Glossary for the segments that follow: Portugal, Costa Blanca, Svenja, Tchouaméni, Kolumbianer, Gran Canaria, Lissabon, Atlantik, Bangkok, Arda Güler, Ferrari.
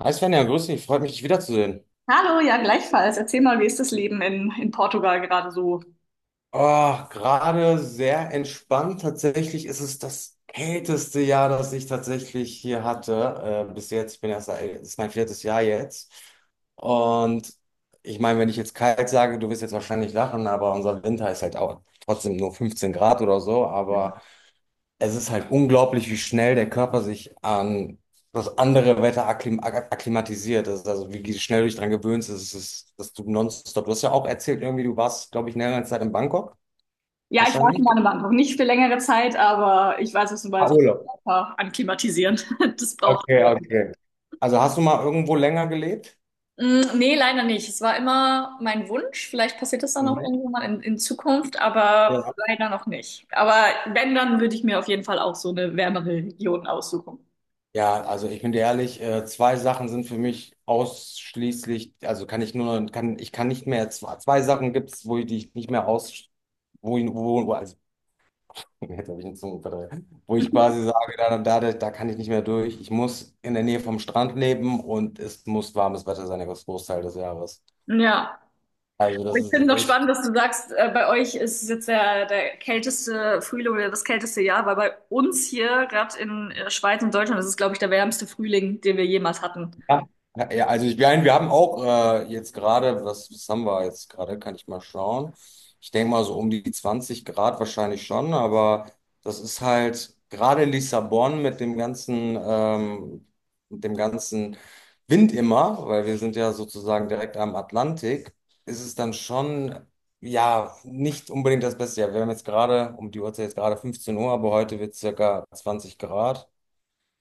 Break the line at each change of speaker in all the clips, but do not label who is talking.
Hi Svenja, grüß dich, freut mich, dich wiederzusehen.
Hallo, ja, gleichfalls. Erzähl mal, wie ist das Leben in Portugal gerade so?
Oh, gerade sehr entspannt. Tatsächlich ist es das kälteste Jahr, das ich tatsächlich hier hatte. Bis jetzt, ich bin erst, das ist mein viertes Jahr jetzt. Und ich meine, wenn ich jetzt kalt sage, du wirst jetzt wahrscheinlich lachen, aber unser Winter ist halt auch trotzdem nur 15 Grad oder so. Aber es ist halt unglaublich, wie schnell der Körper sich an das andere Wetter akklimatisiert. Das ist also, wie schnell du dich dran gewöhnst, das ist, dass du nonstop. Du hast ja auch erzählt, irgendwie, du warst, glaube ich, längere Zeit in Bangkok,
Ja, ich war schon
wahrscheinlich.
mal in Bangkok. Nicht für längere Zeit, aber ich weiß, was du
Ah,
meinst, mit
Urlaub.
Körper Anklimatisieren. Das braucht
Okay,
man.
okay. Also hast du mal irgendwo länger gelebt?
Mm, nee, leider nicht. Es war immer mein Wunsch. Vielleicht passiert das dann auch
Mhm.
irgendwann mal in Zukunft, aber
Ja.
leider noch nicht. Aber wenn, dann würde ich mir auf jeden Fall auch so eine wärmere Region aussuchen.
Ja, also ich bin dir ehrlich, zwei Sachen sind für mich ausschließlich, also kann ich nur, ich kann nicht mehr, zwei Sachen gibt es, wo ich, die ich nicht mehr aus, also jetzt habe ich einen Zungenverdreher. Wo ich quasi sage, da kann ich nicht mehr durch. Ich muss in der Nähe vom Strand leben und es muss warmes Wetter sein, das Großteil des Jahres.
Ja.
Also
Aber
das
ich finde
ist
noch
echt.
spannend, dass du sagst, bei euch ist es jetzt der kälteste Frühling oder das kälteste Jahr, weil bei uns hier, gerade in Schweiz und Deutschland, ist es, glaube ich, der wärmste Frühling, den wir jemals hatten.
Ja, ja, also ich meine, wir haben auch jetzt gerade, was haben wir jetzt gerade, kann ich mal schauen. Ich denke mal so um die 20 Grad wahrscheinlich schon, aber das ist halt gerade in Lissabon mit dem ganzen, mit dem ganzen Wind immer, weil wir sind ja sozusagen direkt am Atlantik, ist es dann schon, ja, nicht unbedingt das Beste. Ja, wir haben jetzt gerade, um die Uhrzeit jetzt gerade 15 Uhr, aber heute wird es circa 20 Grad.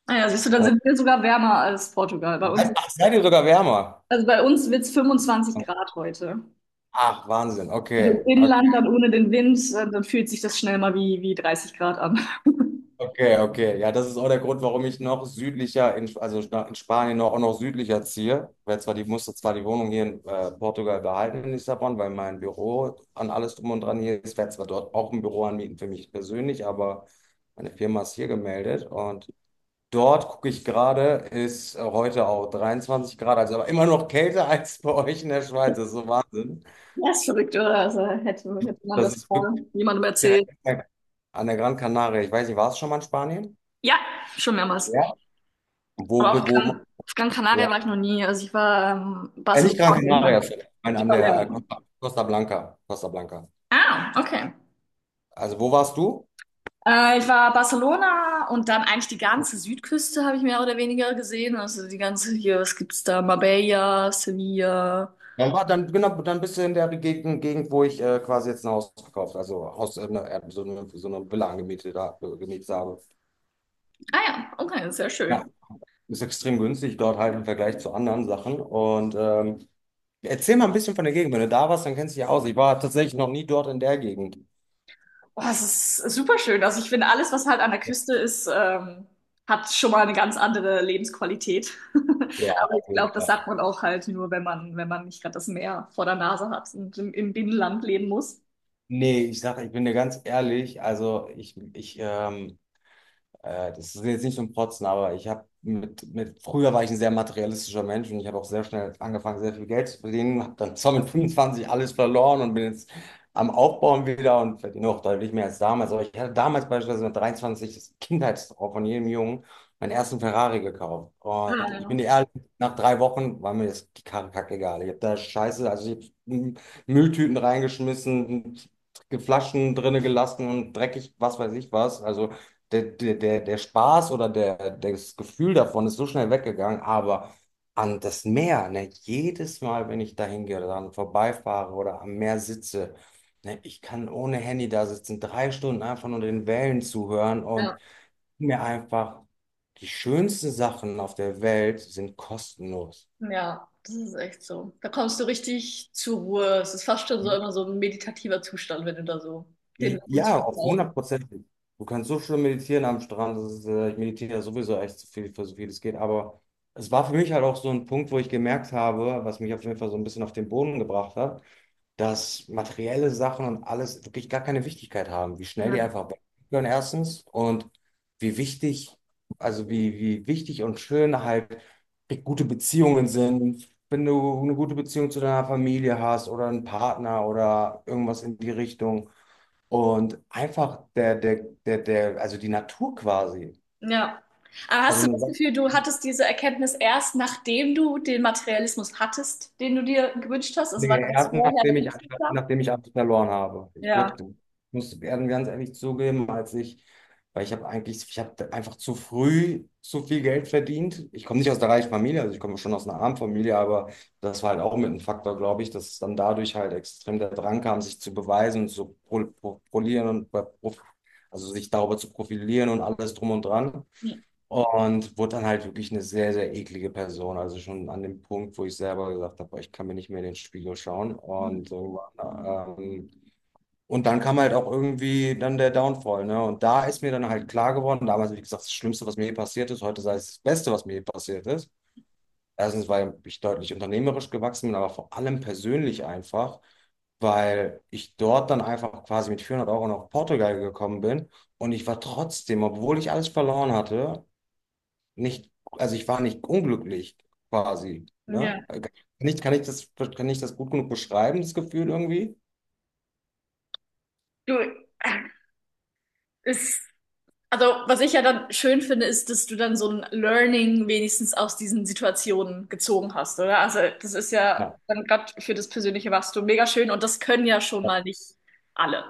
Naja, siehst du, dann
Und,
sind wir sogar wärmer als Portugal. Bei uns,
ach, seid ihr sogar wärmer?
also bei uns wird es 25 Grad heute.
Ach, Wahnsinn.
Also
Okay,
im
okay,
Inland dann ohne den Wind, dann fühlt sich das schnell mal wie 30 Grad an.
okay. Ja, das ist auch der Grund, warum ich noch südlicher, also in Spanien noch, auch noch südlicher ziehe. Weil zwar die musste zwar die Wohnung hier in Portugal behalten in Lissabon, weil mein Büro an alles drum und dran hier ist. Ich werde zwar dort auch ein Büro anmieten für mich persönlich, aber meine Firma ist hier gemeldet und dort gucke ich gerade, ist heute auch 23 Grad, also aber immer noch kälter als bei euch in der Schweiz. Das ist so Wahnsinn.
Das ist verrückt, oder? Also hätte man das
Das ist wirklich
mal jemandem
direkt
erzählt.
an der Gran Canaria. Ich weiß nicht, war es schon mal in Spanien?
Ja, schon mehrmals.
Wo,
Aber
wo, wo
Auf Gran Canaria
ja.
war ich noch nie. Also ich war
Nicht
Barcelona
Gran
und
Canaria,
halt
sorry. Nein,
die
an der
Balearen.
Costa Blanca. Costa Blanca.
Ah, okay.
Also wo warst du?
Ich war Barcelona und dann eigentlich die ganze Südküste habe ich mehr oder weniger gesehen. Also die ganze hier, was gibt's da? Marbella, Sevilla.
Genau, dann bist du in der Gegend, wo ich quasi jetzt ein Haus gekauft, so eine Villa angemietet, gemietet habe.
Ah ja, okay, sehr
Ja,
schön.
ist extrem günstig dort halt im Vergleich zu anderen Sachen. Und erzähl mal ein bisschen von der Gegend. Wenn du da warst, dann kennst du dich ja aus. Ich war tatsächlich noch nie dort in der Gegend.
Oh, es ist super schön. Also ich finde, alles, was halt an der Küste ist, hat schon mal eine ganz andere Lebensqualität.
Ja,
Aber
auf
ich
jeden
glaube, das
Fall.
sagt man auch halt nur, wenn man, wenn man nicht gerade das Meer vor der Nase hat und im Binnenland leben muss.
Nee, ich sage, ich bin dir ganz ehrlich, also ich das ist jetzt nicht so ein Protzen, aber ich habe früher war ich ein sehr materialistischer Mensch und ich habe auch sehr schnell angefangen, sehr viel Geld zu verdienen, habe dann zwar mit 25 alles verloren und bin jetzt am Aufbauen wieder und verdiene auch deutlich mehr als damals. Aber ich hatte damals beispielsweise mit 23 das Kindheitstraum von jedem Jungen meinen ersten Ferrari gekauft. Und ich bin
Ja,
dir ehrlich, nach 3 Wochen war mir das die Karre kackegal. Ich habe da Scheiße, also ich habe Mülltüten reingeschmissen, Flaschen drinne gelassen und dreckig, was weiß ich was. Also der Spaß oder das Gefühl davon ist so schnell weggegangen, aber an das Meer, ne, jedes Mal, wenn ich da hingehe oder dran vorbeifahre oder am Meer sitze, ne, ich kann ohne Handy da sitzen, 3 Stunden einfach nur den Wellen zuhören und
ja,
mir einfach die schönsten Sachen auf der Welt sind kostenlos.
ja, das ist echt so. Da kommst du richtig zur Ruhe. Es ist fast schon so immer so ein meditativer Zustand, wenn du da so den Wind
Ja, auf
brauchst.
100%. Du kannst so schön meditieren am Strand. Das ist, ich meditiere ja sowieso echt so viel, für so viel es geht. Aber es war für mich halt auch so ein Punkt, wo ich gemerkt habe, was mich auf jeden Fall so ein bisschen auf den Boden gebracht hat, dass materielle Sachen und alles wirklich gar keine Wichtigkeit haben. Wie schnell die
Ja.
einfach weggehen, erstens. Und wie wichtig, also wie wichtig und schön halt gute Beziehungen sind. Wenn du eine gute Beziehung zu deiner Familie hast oder einen Partner oder irgendwas in die Richtung. Und einfach also die Natur quasi.
Ja. Aber
Also
hast du
eine
das
Sache
Gefühl, du hattest diese Erkenntnis erst, nachdem du den Materialismus hattest, den du dir gewünscht hast? Also war das
geerbt,
vorher noch nicht so klar?
nachdem ich alles verloren habe.
Ja.
Muss werden ganz ehrlich zugeben, weil ich habe eigentlich, ich habe einfach zu früh zu viel Geld verdient. Ich komme nicht aus der reichen Familie, also ich komme schon aus einer armen Familie, aber das war halt auch mit ein Faktor, glaube ich, dass es dann dadurch halt extrem der Drang kam, sich zu beweisen und polieren also sich darüber zu profilieren und alles drum und dran. Und wurde dann halt wirklich eine sehr, sehr eklige Person. Also schon an dem Punkt, wo ich selber gesagt habe, boah, ich kann mir nicht mehr in den Spiegel schauen.
Mhm.
Und, irgendwann, und dann kam halt auch irgendwie dann der Downfall. Ne? Und da ist mir dann halt klar geworden, damals, wie gesagt, das Schlimmste, was mir je passiert ist, heute sei es das Beste, was mir je passiert ist. Erstens, weil ich deutlich unternehmerisch gewachsen bin, aber vor allem persönlich einfach, weil ich dort dann einfach quasi mit 400€ nach Portugal gekommen bin. Und ich war trotzdem, obwohl ich alles verloren hatte, nicht, also ich war nicht unglücklich quasi. Ne?
Ja.
Nicht, kann ich das gut genug beschreiben, das Gefühl irgendwie?
Du, es Also, was ich ja dann schön finde, ist, dass du dann so ein Learning wenigstens aus diesen Situationen gezogen hast, oder? Also, das ist
Ja,
ja dann gerade für das persönliche Wachstum mega schön und das können ja schon mal nicht alle.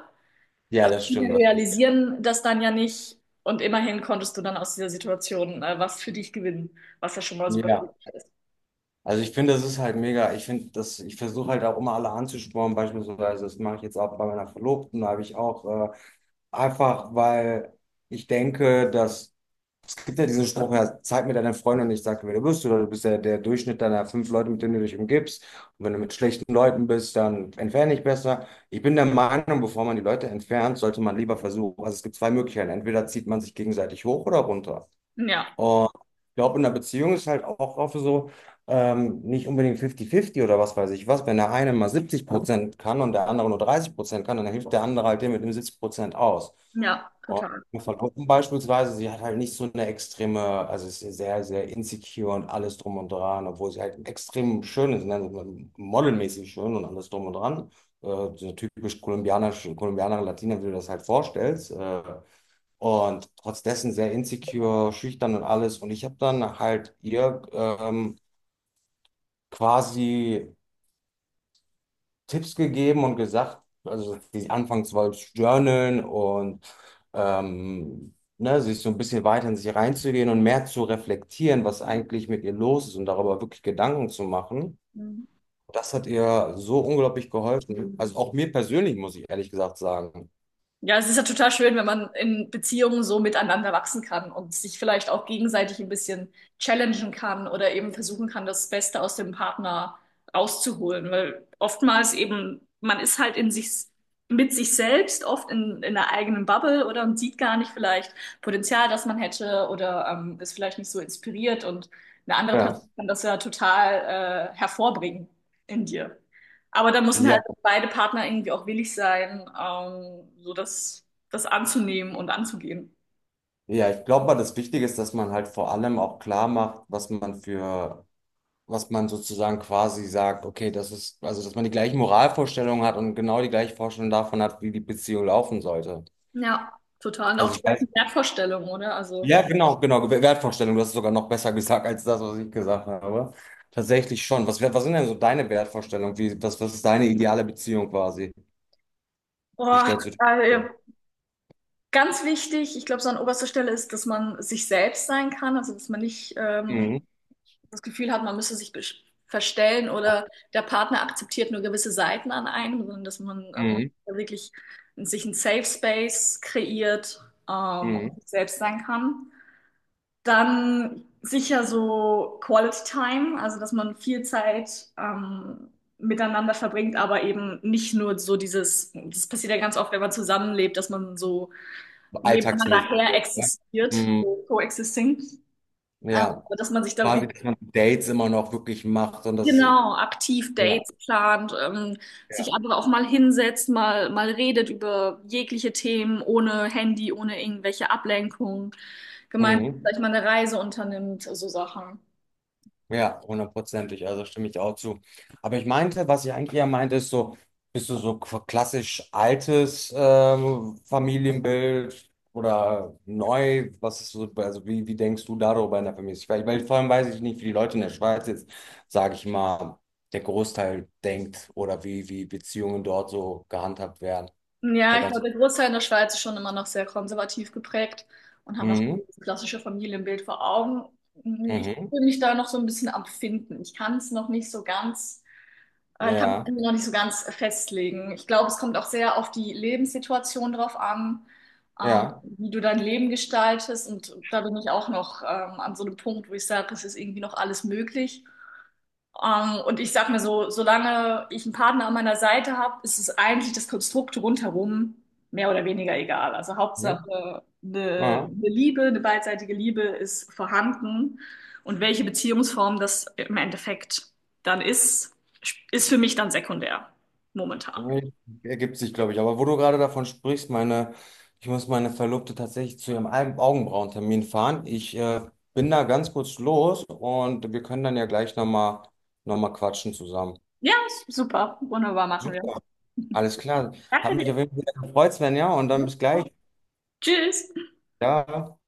ja,
Also,
das
viele
stimmt. Das stimmt.
realisieren das dann ja nicht und immerhin konntest du dann aus dieser Situation was für dich gewinnen, was ja schon mal super
Ja,
hilfreich ist.
also ich finde, das ist halt mega. Ich finde, das, ich versuche halt auch immer alle anzuspornen, beispielsweise, das mache ich jetzt auch bei meiner Verlobten, da habe ich auch einfach, weil ich denke, dass es gibt ja diesen Spruch, ja, zeig mir deine Freunde und ich sage, wer du bist, oder du bist ja der Durchschnitt deiner fünf Leute, mit denen du dich umgibst. Und wenn du mit schlechten Leuten bist, dann entferne dich besser. Ich bin der Meinung, bevor man die Leute entfernt, sollte man lieber versuchen. Also es gibt zwei Möglichkeiten. Entweder zieht man sich gegenseitig hoch oder runter.
Ja,
Und ich glaube, in einer Beziehung ist halt auch oft so, nicht unbedingt 50-50 oder was weiß ich was. Wenn der eine mal 70% kann und der andere nur 30% kann, dann hilft der andere halt dem mit dem 70% aus.
ja,
Und
total.
meine Verlobten beispielsweise, sie hat halt nicht so eine extreme, also ist sehr, sehr insecure und alles drum und dran, obwohl sie halt extrem schön ist, ne? Also modelmäßig schön und alles drum und dran. Äh, so typisch kolumbianische, Kolumbianer, Latina, wie du das halt vorstellst. Und trotz dessen sehr insecure, schüchtern und alles. Und ich habe dann halt ihr quasi Tipps gegeben und gesagt, also sie anfangs wollte journalen und ne, sich so ein bisschen weiter in sich reinzugehen und mehr zu reflektieren, was eigentlich mit ihr los ist und darüber wirklich Gedanken zu machen.
Mhm.
Das hat ihr so unglaublich geholfen. Also auch mir persönlich, muss ich ehrlich gesagt sagen.
Ja, es ist ja total schön, wenn man in Beziehungen so miteinander wachsen kann und sich vielleicht auch gegenseitig ein bisschen challengen kann oder eben versuchen kann, das Beste aus dem Partner rauszuholen. Weil oftmals eben, man ist halt in sich, mit sich selbst, oft in einer eigenen Bubble oder und sieht gar nicht vielleicht Potenzial, das man hätte oder ist vielleicht nicht so inspiriert und eine andere Person
Ja.
kann das ja total hervorbringen in dir. Aber da müssen halt
Ja,
beide Partner irgendwie auch willig sein, so das anzunehmen und anzugehen.
ja, ich glaube mal, das Wichtige ist, dass man halt vor allem auch klar macht, was man sozusagen quasi sagt, okay, das ist, also dass man die gleichen Moralvorstellungen hat und genau die gleiche Vorstellung davon hat, wie die Beziehung laufen sollte.
Ja, total. Und auch
Also
die
ich weiß,
gleichen Wertvorstellungen, oder? Also,
ja, genau, Wertvorstellung, du hast es sogar noch besser gesagt als das, was ich gesagt habe. Tatsächlich schon. Was sind denn so deine Wertvorstellungen? Was ist deine ideale Beziehung quasi? Wie
boah,
stellst du dich
also
vor?
ja, ganz wichtig, ich glaube, so an oberster Stelle ist, dass man sich selbst sein kann, also dass man nicht
Mhm.
das Gefühl hat, man müsse verstellen oder der Partner akzeptiert nur gewisse Seiten an einem, sondern dass man
Mhm.
wirklich sich einen Safe Space kreiert, und
Mhm.
sich selbst sein kann. Dann sicher so Quality Time, also dass man viel Zeit miteinander verbringt, aber eben nicht nur so dieses, das passiert ja ganz oft, wenn man zusammenlebt, dass man so nebeneinander
Alltagsmäßig.
her
Ne?
existiert,
Mhm.
so coexisting,
Ja,
aber dass man sich da
quasi,
wirklich
dass man Dates immer noch wirklich macht und das ist,
genau aktiv
ja,
Dates plant, sich
ja.
aber auch mal hinsetzt, mal redet über jegliche Themen, ohne Handy, ohne irgendwelche Ablenkung, gemeinsam
Mhm.
vielleicht mal eine Reise unternimmt, so Sachen.
Ja, hundertprozentig, also stimme ich auch zu. Aber ich meinte, was ich eigentlich ja meinte, ist so, bist du so klassisch altes Familienbild oder neu? Was ist so, also wie denkst du darüber in der Familie? Ich, weil vor allem weiß ich nicht, wie die Leute in der Schweiz jetzt, sage ich mal, der Großteil denkt oder wie Beziehungen dort so gehandhabt werden.
Ja,
Der
ich glaube,
ganze,
der Großteil in der Schweiz ist schon immer noch sehr konservativ geprägt und haben noch
mhm,
das klassische Familienbild vor Augen. Hm, ich
mhm,
fühle mich da noch so ein bisschen am Finden. Ich kann es noch nicht so ganz, ich kann mich
ja,
irgendwie noch nicht so ganz festlegen. Ich glaube, es kommt auch sehr auf die Lebenssituation drauf an,
ja,
wie du dein Leben gestaltest. Und da bin ich auch noch an so einem Punkt, wo ich sage, es ist irgendwie noch alles möglich. Und ich sag mir so, solange ich einen Partner an meiner Seite habe, ist es eigentlich das Konstrukt rundherum mehr oder weniger egal. Also
ja,
Hauptsache,
ja.
eine Liebe, eine beidseitige Liebe ist vorhanden. Und welche Beziehungsform das im Endeffekt dann ist für mich dann sekundär momentan.
Nee, ergibt sich, glaube ich. Aber wo du gerade davon sprichst, meine, ich muss meine Verlobte tatsächlich zu ihrem Augenbrauentermin fahren. Ich bin da ganz kurz los und wir können dann ja gleich nochmal noch mal quatschen zusammen.
Ja, super. Wunderbar, machen wir.
Super. Alles klar. Hat
Danke
mich
dir.
auf jeden Fall sehr gefreut, Sven, ja und dann bis gleich.
Tschüss.
Ja.